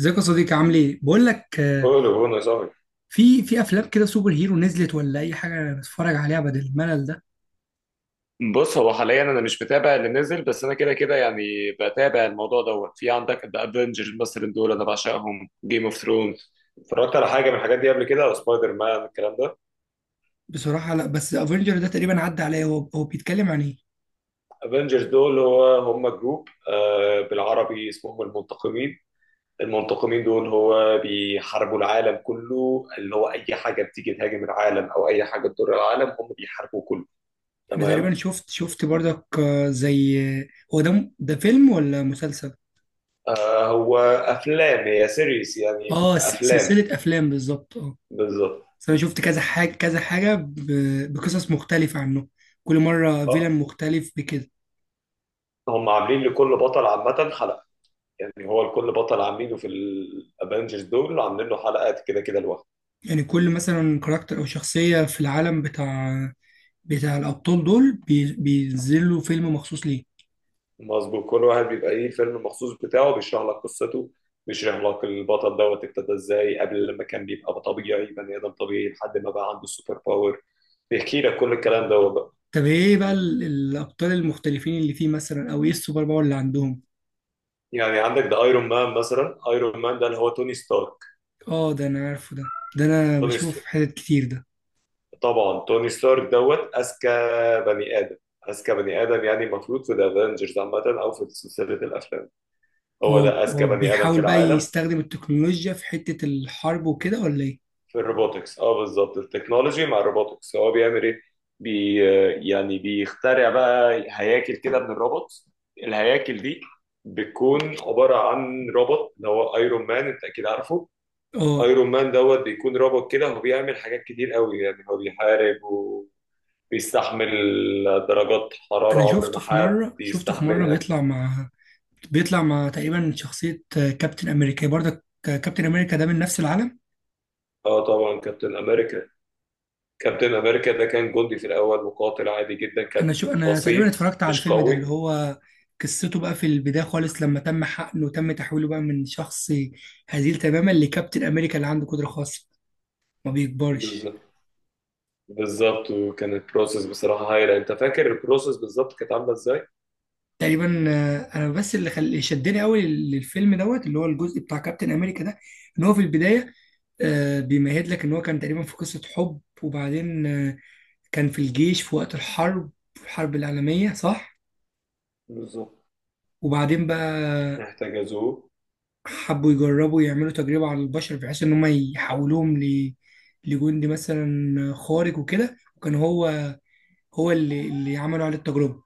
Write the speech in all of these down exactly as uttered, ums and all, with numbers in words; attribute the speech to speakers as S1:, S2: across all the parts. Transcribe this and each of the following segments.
S1: ازيك يا صديقي، عامل ايه؟ بقول لك، آه،
S2: كله بونا صاحبي.
S1: في في افلام كده سوبر هيرو نزلت ولا اي حاجه نتفرج عليها بدل الملل ده؟
S2: بص، هو حاليا انا مش متابع اللي نزل، بس انا كده كده يعني بتابع الموضوع دوت. في عندك ذا افنجرز مثلا، دول انا بعشقهم. جيم اوف ثرونز اتفرجت على حاجه من الحاجات دي قبل كده؟ او سبايدر مان، الكلام ده.
S1: بصراحه لا، بس افنجر ده تقريبا عدى عليا. هو هو بيتكلم عن ايه؟
S2: افنجرز دول هو هم جروب، آه بالعربي اسمهم المنتقمين. المنتقمين دول هو بيحاربوا العالم كله، اللي هو اي حاجه بتيجي تهاجم العالم او اي حاجه تضر العالم هم بيحاربوا كله.
S1: انا
S2: تمام.
S1: تقريبا شفت شفت برضك، آه، زي، آه، هو ده م- ده فيلم ولا مسلسل؟
S2: آه هو افلام، هي سيريس يعني
S1: اه، س-
S2: افلام.
S1: سلسله افلام بالظبط، اه.
S2: بالظبط.
S1: بس انا شفت كذا حاجه كذا حاجه ب- بقصص مختلفه عنه. كل مره
S2: اه
S1: فيلم مختلف بكده.
S2: هم عاملين لكل بطل عامة حلقة، يعني هو لكل بطل عاملينه في الافنجرز دول عاملين له حلقات كده كده لوحده.
S1: يعني كل مثلا كاركتر او شخصيه في العالم بتاع بتاع الابطال دول بي- بينزلوا فيلم مخصوص ليه.
S2: مظبوط، كل واحد بيبقى ايه الفيلم المخصوص بتاعه، بيشرح لك قصته، بيشرح لك البطل دوت ابتدى ازاي قبل، لما كان بيبقى طبيعي، بني ادم طبيعي لحد ما بقى عنده السوبر باور، بيحكي لك كل الكلام دوت بقى.
S1: طب ايه بقى ال- الابطال المختلفين اللي فيه مثلا، او ايه السوبر باور اللي عندهم؟
S2: يعني عندك ده ايرون مان مثلا، ايرون مان ده اللي هو توني ستارك.
S1: اه، ده انا عارفه، ده ده انا
S2: توني،
S1: بشوفه في حتت كتير ده.
S2: طبعا توني ستارك دوت اذكى بني ادم، اذكى بني ادم، يعني المفروض في ذا افنجرز عامه او في سلسله الافلام، هو
S1: هو
S2: ده اذكى
S1: هو
S2: بني ادم في
S1: بيحاول بقى
S2: العالم.
S1: يستخدم التكنولوجيا في حته الحرب وكده، ولا ايه؟
S2: في الروبوتكس، اه بالظبط التكنولوجي مع الروبوتكس، هو بيعمل ايه؟ بي يعني بيخترع بقى هياكل كده من الروبوت، الهياكل دي بتكون عباره عن روبوت اللي هو ايرون مان انت اكيد عارفه.
S1: اه،
S2: ايرون مان دوت بيكون روبوت كده، هو بيعمل حاجات كتير قوي، يعني هو بيحارب، بيستحمل درجات حرارة
S1: انا
S2: عمر
S1: شفته
S2: ما
S1: في
S2: حد
S1: مره شفته في مره
S2: يستحملها.
S1: بيطلع مع بيطلع مع تقريبا شخصيه، آه، كابتن امريكا برضه، ك- كابتن امريكا ده من نفس العالم.
S2: اه طبعا كابتن امريكا، كابتن امريكا ده كان جندي في الاول، مقاتل عادي جدا،
S1: انا شو
S2: كان
S1: انا
S2: بسيط،
S1: تقريبا اتفرجت على
S2: مش
S1: الفيلم ده اللي
S2: قوي.
S1: هو قصته بقى في البدايه خالص، لما تم حقنه وتم تحويله بقى من شخص هزيل تماما لكابتن امريكا اللي عنده قدره خاصه، ما بيكبرش.
S2: بالظبط، بالظبط. وكان البروسيس بصراحة هايلة، انت فاكر البروسيس بالظبط كانت عاملة ازاي؟
S1: تقريبا، آه، انا بس اللي خل... اللي شدني قوي للفيلم دوت، اللي هو الجزء بتاع كابتن امريكا ده، ان هو في البدايه، آه، بيمهد لك ان هو كان تقريبا في قصه حب، وبعدين، آه، كان في الجيش في وقت الحرب الحرب العالميه، صح؟
S2: بالظبط،
S1: وبعدين بقى،
S2: احتجزوه.
S1: حبوا يجربوا يعملوا تجربة على البشر، بحيث إن هم يحولوهم ل... لجندي مثلا خارق وكده، وكان هو هو اللي اللي عملوا عليه التجربة.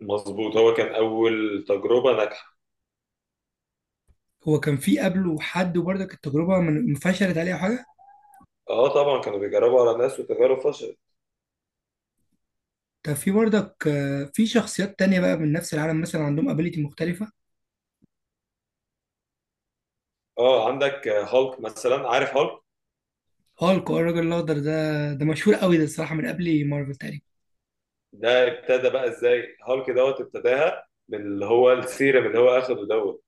S2: مظبوط، هو كان اول تجربه ناجحه.
S1: هو كان في قبله حد، وبرضك التجربة من- فشلت عليه أو حاجة.
S2: اه طبعا، كانوا بيجربوا على ناس وتجارب فشلت.
S1: كان في برضك، آه، في شخصيات تانية بقى من نفس العالم، مثلا عندهم ابيليتي مختلفة.
S2: اه عندك هالك مثلا، عارف هالك؟
S1: هالك، آه، الراجل الأخضر ده، ده مشهور قوي، ده الصراحة من قبل مارفل تقريبا.
S2: ده ابتدى بقى ازاي هالك دوت، ابتداها من اللي هو السيرم اللي هو اخده دوت،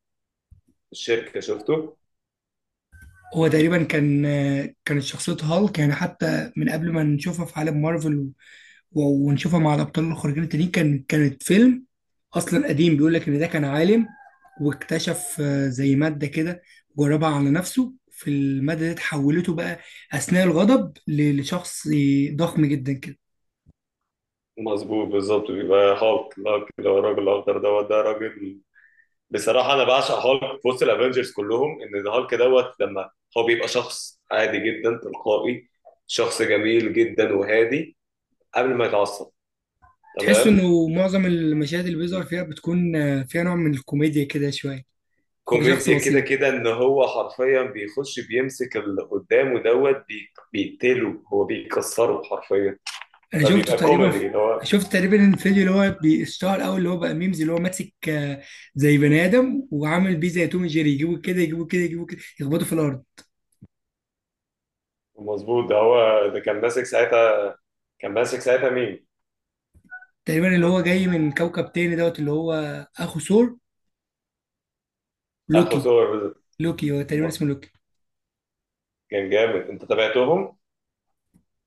S2: الشركه شفته.
S1: هو تقريبا كان آه، كانت شخصية هالك، يعني حتى من قبل ما نشوفها في عالم مارفل، و- ونشوفها مع الابطال الخارقين التانيين، كان كانت فيلم اصلا قديم، بيقول لك ان ده كان عالم، واكتشف، آه، زي ماده كده، جربها على نفسه، في الماده دي تحولته بقى اثناء الغضب ل- لشخص ضخم جدا كده.
S2: مظبوط، بالظبط. بيبقى هالك، هالك اللي هو الراجل الاخضر دوت، ده راجل بصراحه انا بعشق هالك في وسط الافنجرز كلهم، ان هالك دوت لما هو بيبقى شخص عادي جدا تلقائي، شخص جميل جدا وهادي قبل ما يتعصب.
S1: تحس
S2: تمام.
S1: انه معظم المشاهد اللي بيظهر فيها بتكون، آه، فيها نوع من الكوميديا كده شويه. هو شخص
S2: كوميديا كده
S1: بسيط.
S2: كده، ان هو حرفيا بيخش بيمسك اللي قدامه دوت بي- بيقتله، هو بيكسره حرفيا،
S1: انا شفته
S2: فبيبقى
S1: تقريبا
S2: كوميدي اللي هو.
S1: شفت تقريبا الفيديو اللي هو بيشتهر قوي، اللي هو بقى ميمز، اللي هو ماسك، آه، زي بني ادم، وعامل بيه زي توم جيري، يجيبوا كده يجيبوا كده يجيبوا كده، يخبطوا في الارض.
S2: مظبوط، ده هو ده كان ماسك ساعتها، كان ماسك ساعتها مين؟
S1: تقريبا اللي هو جاي من كوكب تاني دوت، اللي هو اخو ثور،
S2: اخو
S1: لوكي.
S2: سور.
S1: لوكي هو تقريبا اسمه لوكي.
S2: كان جامد، انت تابعتهم؟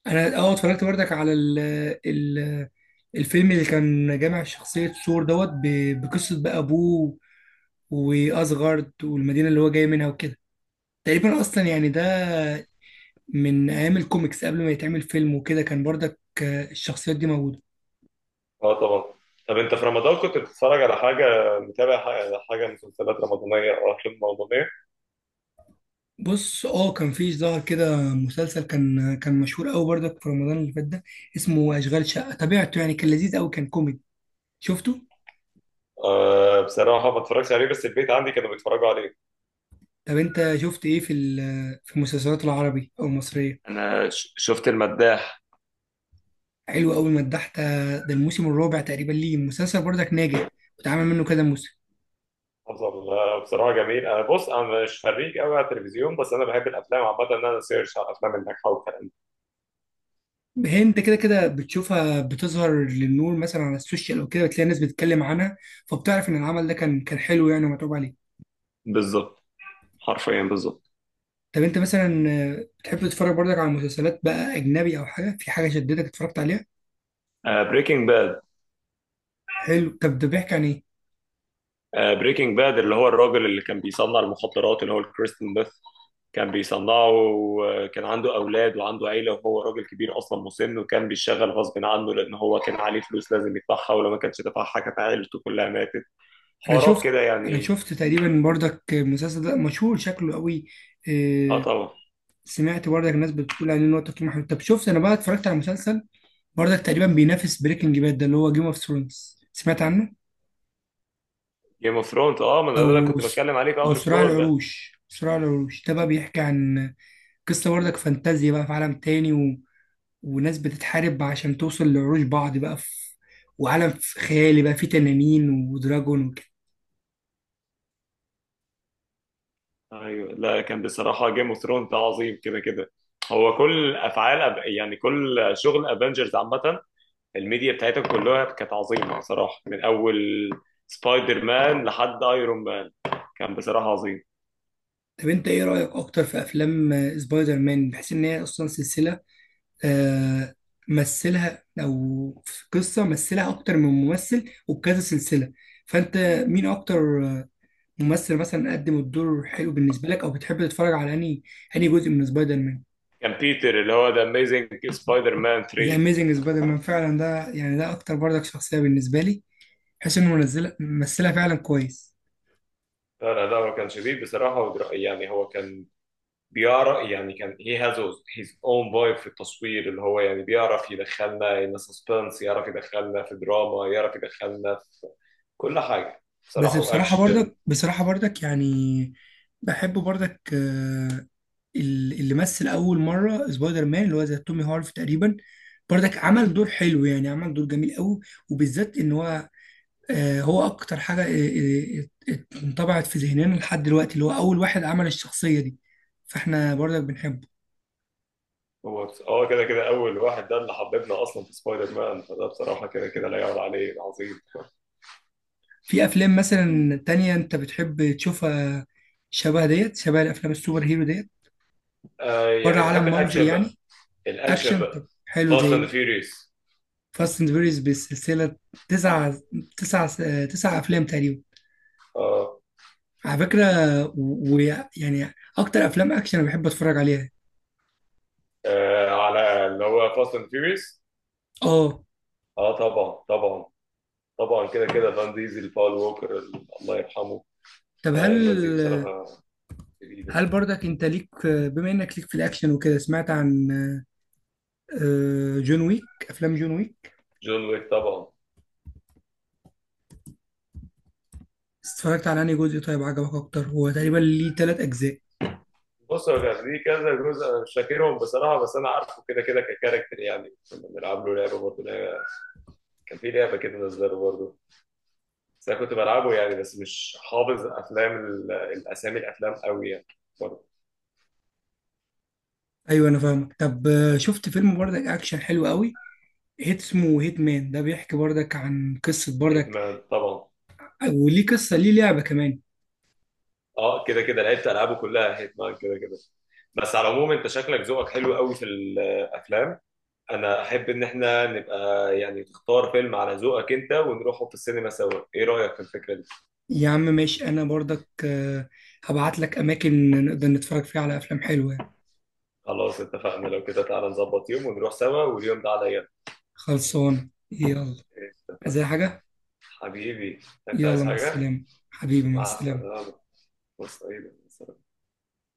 S1: انا، اه، اتفرجت برضك على ال ال الفيلم اللي كان جامع شخصية ثور دوت، ب- بقصة بقى ابوه واسغارد والمدينة اللي هو جاي منها وكده. تقريبا اصلا، يعني ده من ايام الكوميكس قبل ما يتعمل فيلم وكده، كان برضك، آه، الشخصيات دي موجوده.
S2: اه طبعا. طب انت في رمضان كنت بتتفرج على حاجه، متابع حاجه، حاجة مسلسلات رمضانيه او افلام رمضانيه؟
S1: بص، اه، كان في ظهر كده مسلسل كان آه، كان مشهور قوي برضك في رمضان اللي فات ده، اسمه اشغال شقه، تابعته، يعني كان لذيذ قوي، كان كوميدي، شفته؟
S2: آه بصراحه ما اتفرجش عليه، بس البيت عندي كانوا بيتفرجوا عليه.
S1: طب انت شفت ايه في ال- في المسلسلات العربي او المصريه؟
S2: انا ش- شفت المداح.
S1: حلو قوي، مدحت، آه، ده الموسم الرابع تقريبا ليه، مسلسل برضك ناجح واتعمل منه كذا موسم.
S2: افضل، آه، بصراحه جميل. انا بص انا مش فريق قوي على التلفزيون، بس انا بحب الافلام عامه، ان انا سيرش على الافلام الناجحه والكلام ده.
S1: هي انت كده كده بتشوفها بتظهر للنور مثلا على السوشيال او كده، بتلاقي ناس بتتكلم عنها، فبتعرف ان العمل ده كان كان حلو يعني ومتعوب عليه.
S2: بالظبط، حرفيا بالظبط.
S1: طب انت مثلا، آه، بتحب تتفرج برضك على مسلسلات بقى اجنبي، او حاجه، في حاجه شدتك اتفرجت عليها؟
S2: بريكنج باد.
S1: حلو، طب ده بيحكي عن ايه؟
S2: بريكنج باد اللي هو الراجل اللي كان بيصنع المخدرات، اللي هو الكريستن بيث، كان بيصنعه وكان عنده أولاد وعنده عيلة، وهو راجل كبير أصلا، مسن، وكان بيشتغل غصب عنه لأن هو كان عليه فلوس لازم يدفعها، ولو ما كانش دفعها كانت عيلته كلها ماتت.
S1: انا
S2: حوارات
S1: شفت
S2: كده
S1: انا
S2: يعني.
S1: شفت تقريبا برضك المسلسل ده مشهور شكله قوي،
S2: اه
S1: آه،
S2: طبعا.
S1: سمعت برضك الناس بتقول عليه ان هو تقييمه حلو. طب شفت، انا بقى اتفرجت على مسلسل برضك تقريبا بينافس بريكنج باد ده، اللي هو جيم اوف ثرونز، سمعت عنه؟
S2: جيم اوف ثرونز، اه ما ده اللي
S1: او،
S2: كنت
S1: س-
S2: بتكلم عليه في
S1: او
S2: أول
S1: صراع
S2: الكول ده.
S1: العروش. صراع العروش ده بقى بيحكي عن قصه برضك فانتازيا بقى في عالم تاني، وناس بتتحارب عشان توصل لعروش بعض بقى، في وعالم في خيالي بقى فيه تنانين ودراجون وكده.
S2: ايوه، لا كان بصراحة جيم اوف ثرونز ده عظيم كده كده. هو كل أفعال أب- يعني كل شغل افنجرز عامة، الميديا بتاعتها كلها كانت عظيمه صراحه. من اول سبايدر مان لحد ايرون مان، كان بصراحه عظيم.
S1: طب انت ايه رأيك اكتر في افلام، آه، سبايدر مان، بحيث ان هي اصلا سلسلة آه مثلها، او في قصة مثلها اكتر من ممثل وبكذا سلسلة، فانت مين اكتر، آه، ممثل مثلا قدم الدور حلو بالنسبة لك، او بتحب تتفرج على انهي انهي جزء من سبايدر مان؟
S2: كان بيتر، اللي هو ذا اميزنج سبايدر مان
S1: ذا
S2: ثري.
S1: اميزنج سبايدر مان، فعلا ده يعني ده اكتر برضك شخصية بالنسبة لي، بحيث انه منزلها ممثلها فعلا كويس.
S2: لا لا، ده هو كان شديد بصراحه. ودر- يعني هو كان بيعرف، يعني كان هي هاز هيز اون فايب في التصوير، اللي هو يعني بيعرف يدخلنا ان سسبنس، يعرف يدخلنا في دراما، يعرف يدخلنا في كل حاجه
S1: بس
S2: بصراحه،
S1: بصراحة
S2: واكشن.
S1: برضك بصراحة برضك يعني، بحب برضك، آه، ال- اللي مثل أول مرة سبايدر مان اللي هو زي تومي هارف تقريبا برضك عمل دور حلو، يعني عمل دور جميل قوي، وبالذات إن هو آه، هو أكتر حاجة، آه، آه، آه، انطبعت في ذهننا لحد دلوقتي اللي هو أول واحد عمل الشخصية دي، فإحنا برضك بنحبه.
S2: هو بس- اه كده كده اول واحد ده اللي حببنا اصلا في سبايدر مان، فده بصراحه كده كده لا يعلى عليه، عظيم.
S1: في أفلام مثلا تانية أنت بتحب تشوفها، شبه ديت شبه الأفلام السوبر هيرو ديت؟
S2: آه
S1: بره
S2: يعني
S1: عالم
S2: بحب
S1: مارفل
S2: الاكشن بقى،
S1: يعني.
S2: الاكشن
S1: أكشن، طب
S2: بقى.
S1: حلو، زي
S2: فاست اند
S1: إيه؟
S2: فيوريوس.
S1: فاست اند فيوريوس، بالسلسله، تسع تسع تسع افلام تقريبا
S2: اه.
S1: على فكره، ويعني اكتر افلام اكشن انا بحب اتفرج عليها،
S2: آه، على اللي هو فاست اند فيوريوس.
S1: اه.
S2: اه طبعا، طبعا. طبعا كده كده فان ديزل، باول ووكر الله يرحمه.
S1: طب
S2: آه
S1: هل
S2: الناس دي بصراحه جديده.
S1: هل برضك انت ليك، بما انك ليك في الاكشن وكده، سمعت عن، آه، جون ويك، افلام جون ويك؟
S2: جون ويك طبعا.
S1: اتفرجت على انهي جزء، طيب عجبك اكتر؟ هو تقريبا ليه ثلاث اجزاء.
S2: بص هو كان ليه كذا جزء انا مش فاكرهم بصراحه، بس انا عارفه كده كده ككاركتر، يعني كنا بنلعب له لعبه برضه، لعبة- كان في لعبه كده نزلها برضه، بس انا كنت بلعبه يعني، بس مش حافظ افلام ال- الاسامي الافلام قوي يعني، برضه.
S1: ايوه، انا فاهمك. طب، آه، شفت فيلم برضك اكشن حلو قوي، هيت اسمه هيت مان، ده بيحكي برضك عن قصه برضك،
S2: هيتمان طبعا.
S1: وليه قصه، ليه لعبه كمان.
S2: اه كده كده لعبت العابه كلها هيتمان كده كده. بس على العموم انت شكلك ذوقك حلو قوي في الافلام، انا احب ان احنا نبقى، يعني تختار فيلم على ذوقك انت ونروحه في السينما سوا، ايه رايك في الفكره دي؟
S1: يا عم ماشي، انا برضك، آه، هبعت لك اماكن نقدر نتفرج فيها على افلام حلوه يعني.
S2: خلاص اتفقنا، لو كده تعالى نظبط يوم ونروح سوا، واليوم ده عليا.
S1: خلصان يلا.
S2: اتفقنا.
S1: عايز أي حاجه؟
S2: حبيبي، انت
S1: يلا
S2: عايز
S1: مع
S2: حاجه؟
S1: السلامه. حبيبي مع
S2: مع
S1: السلامه.
S2: السلامه. مع السلامه.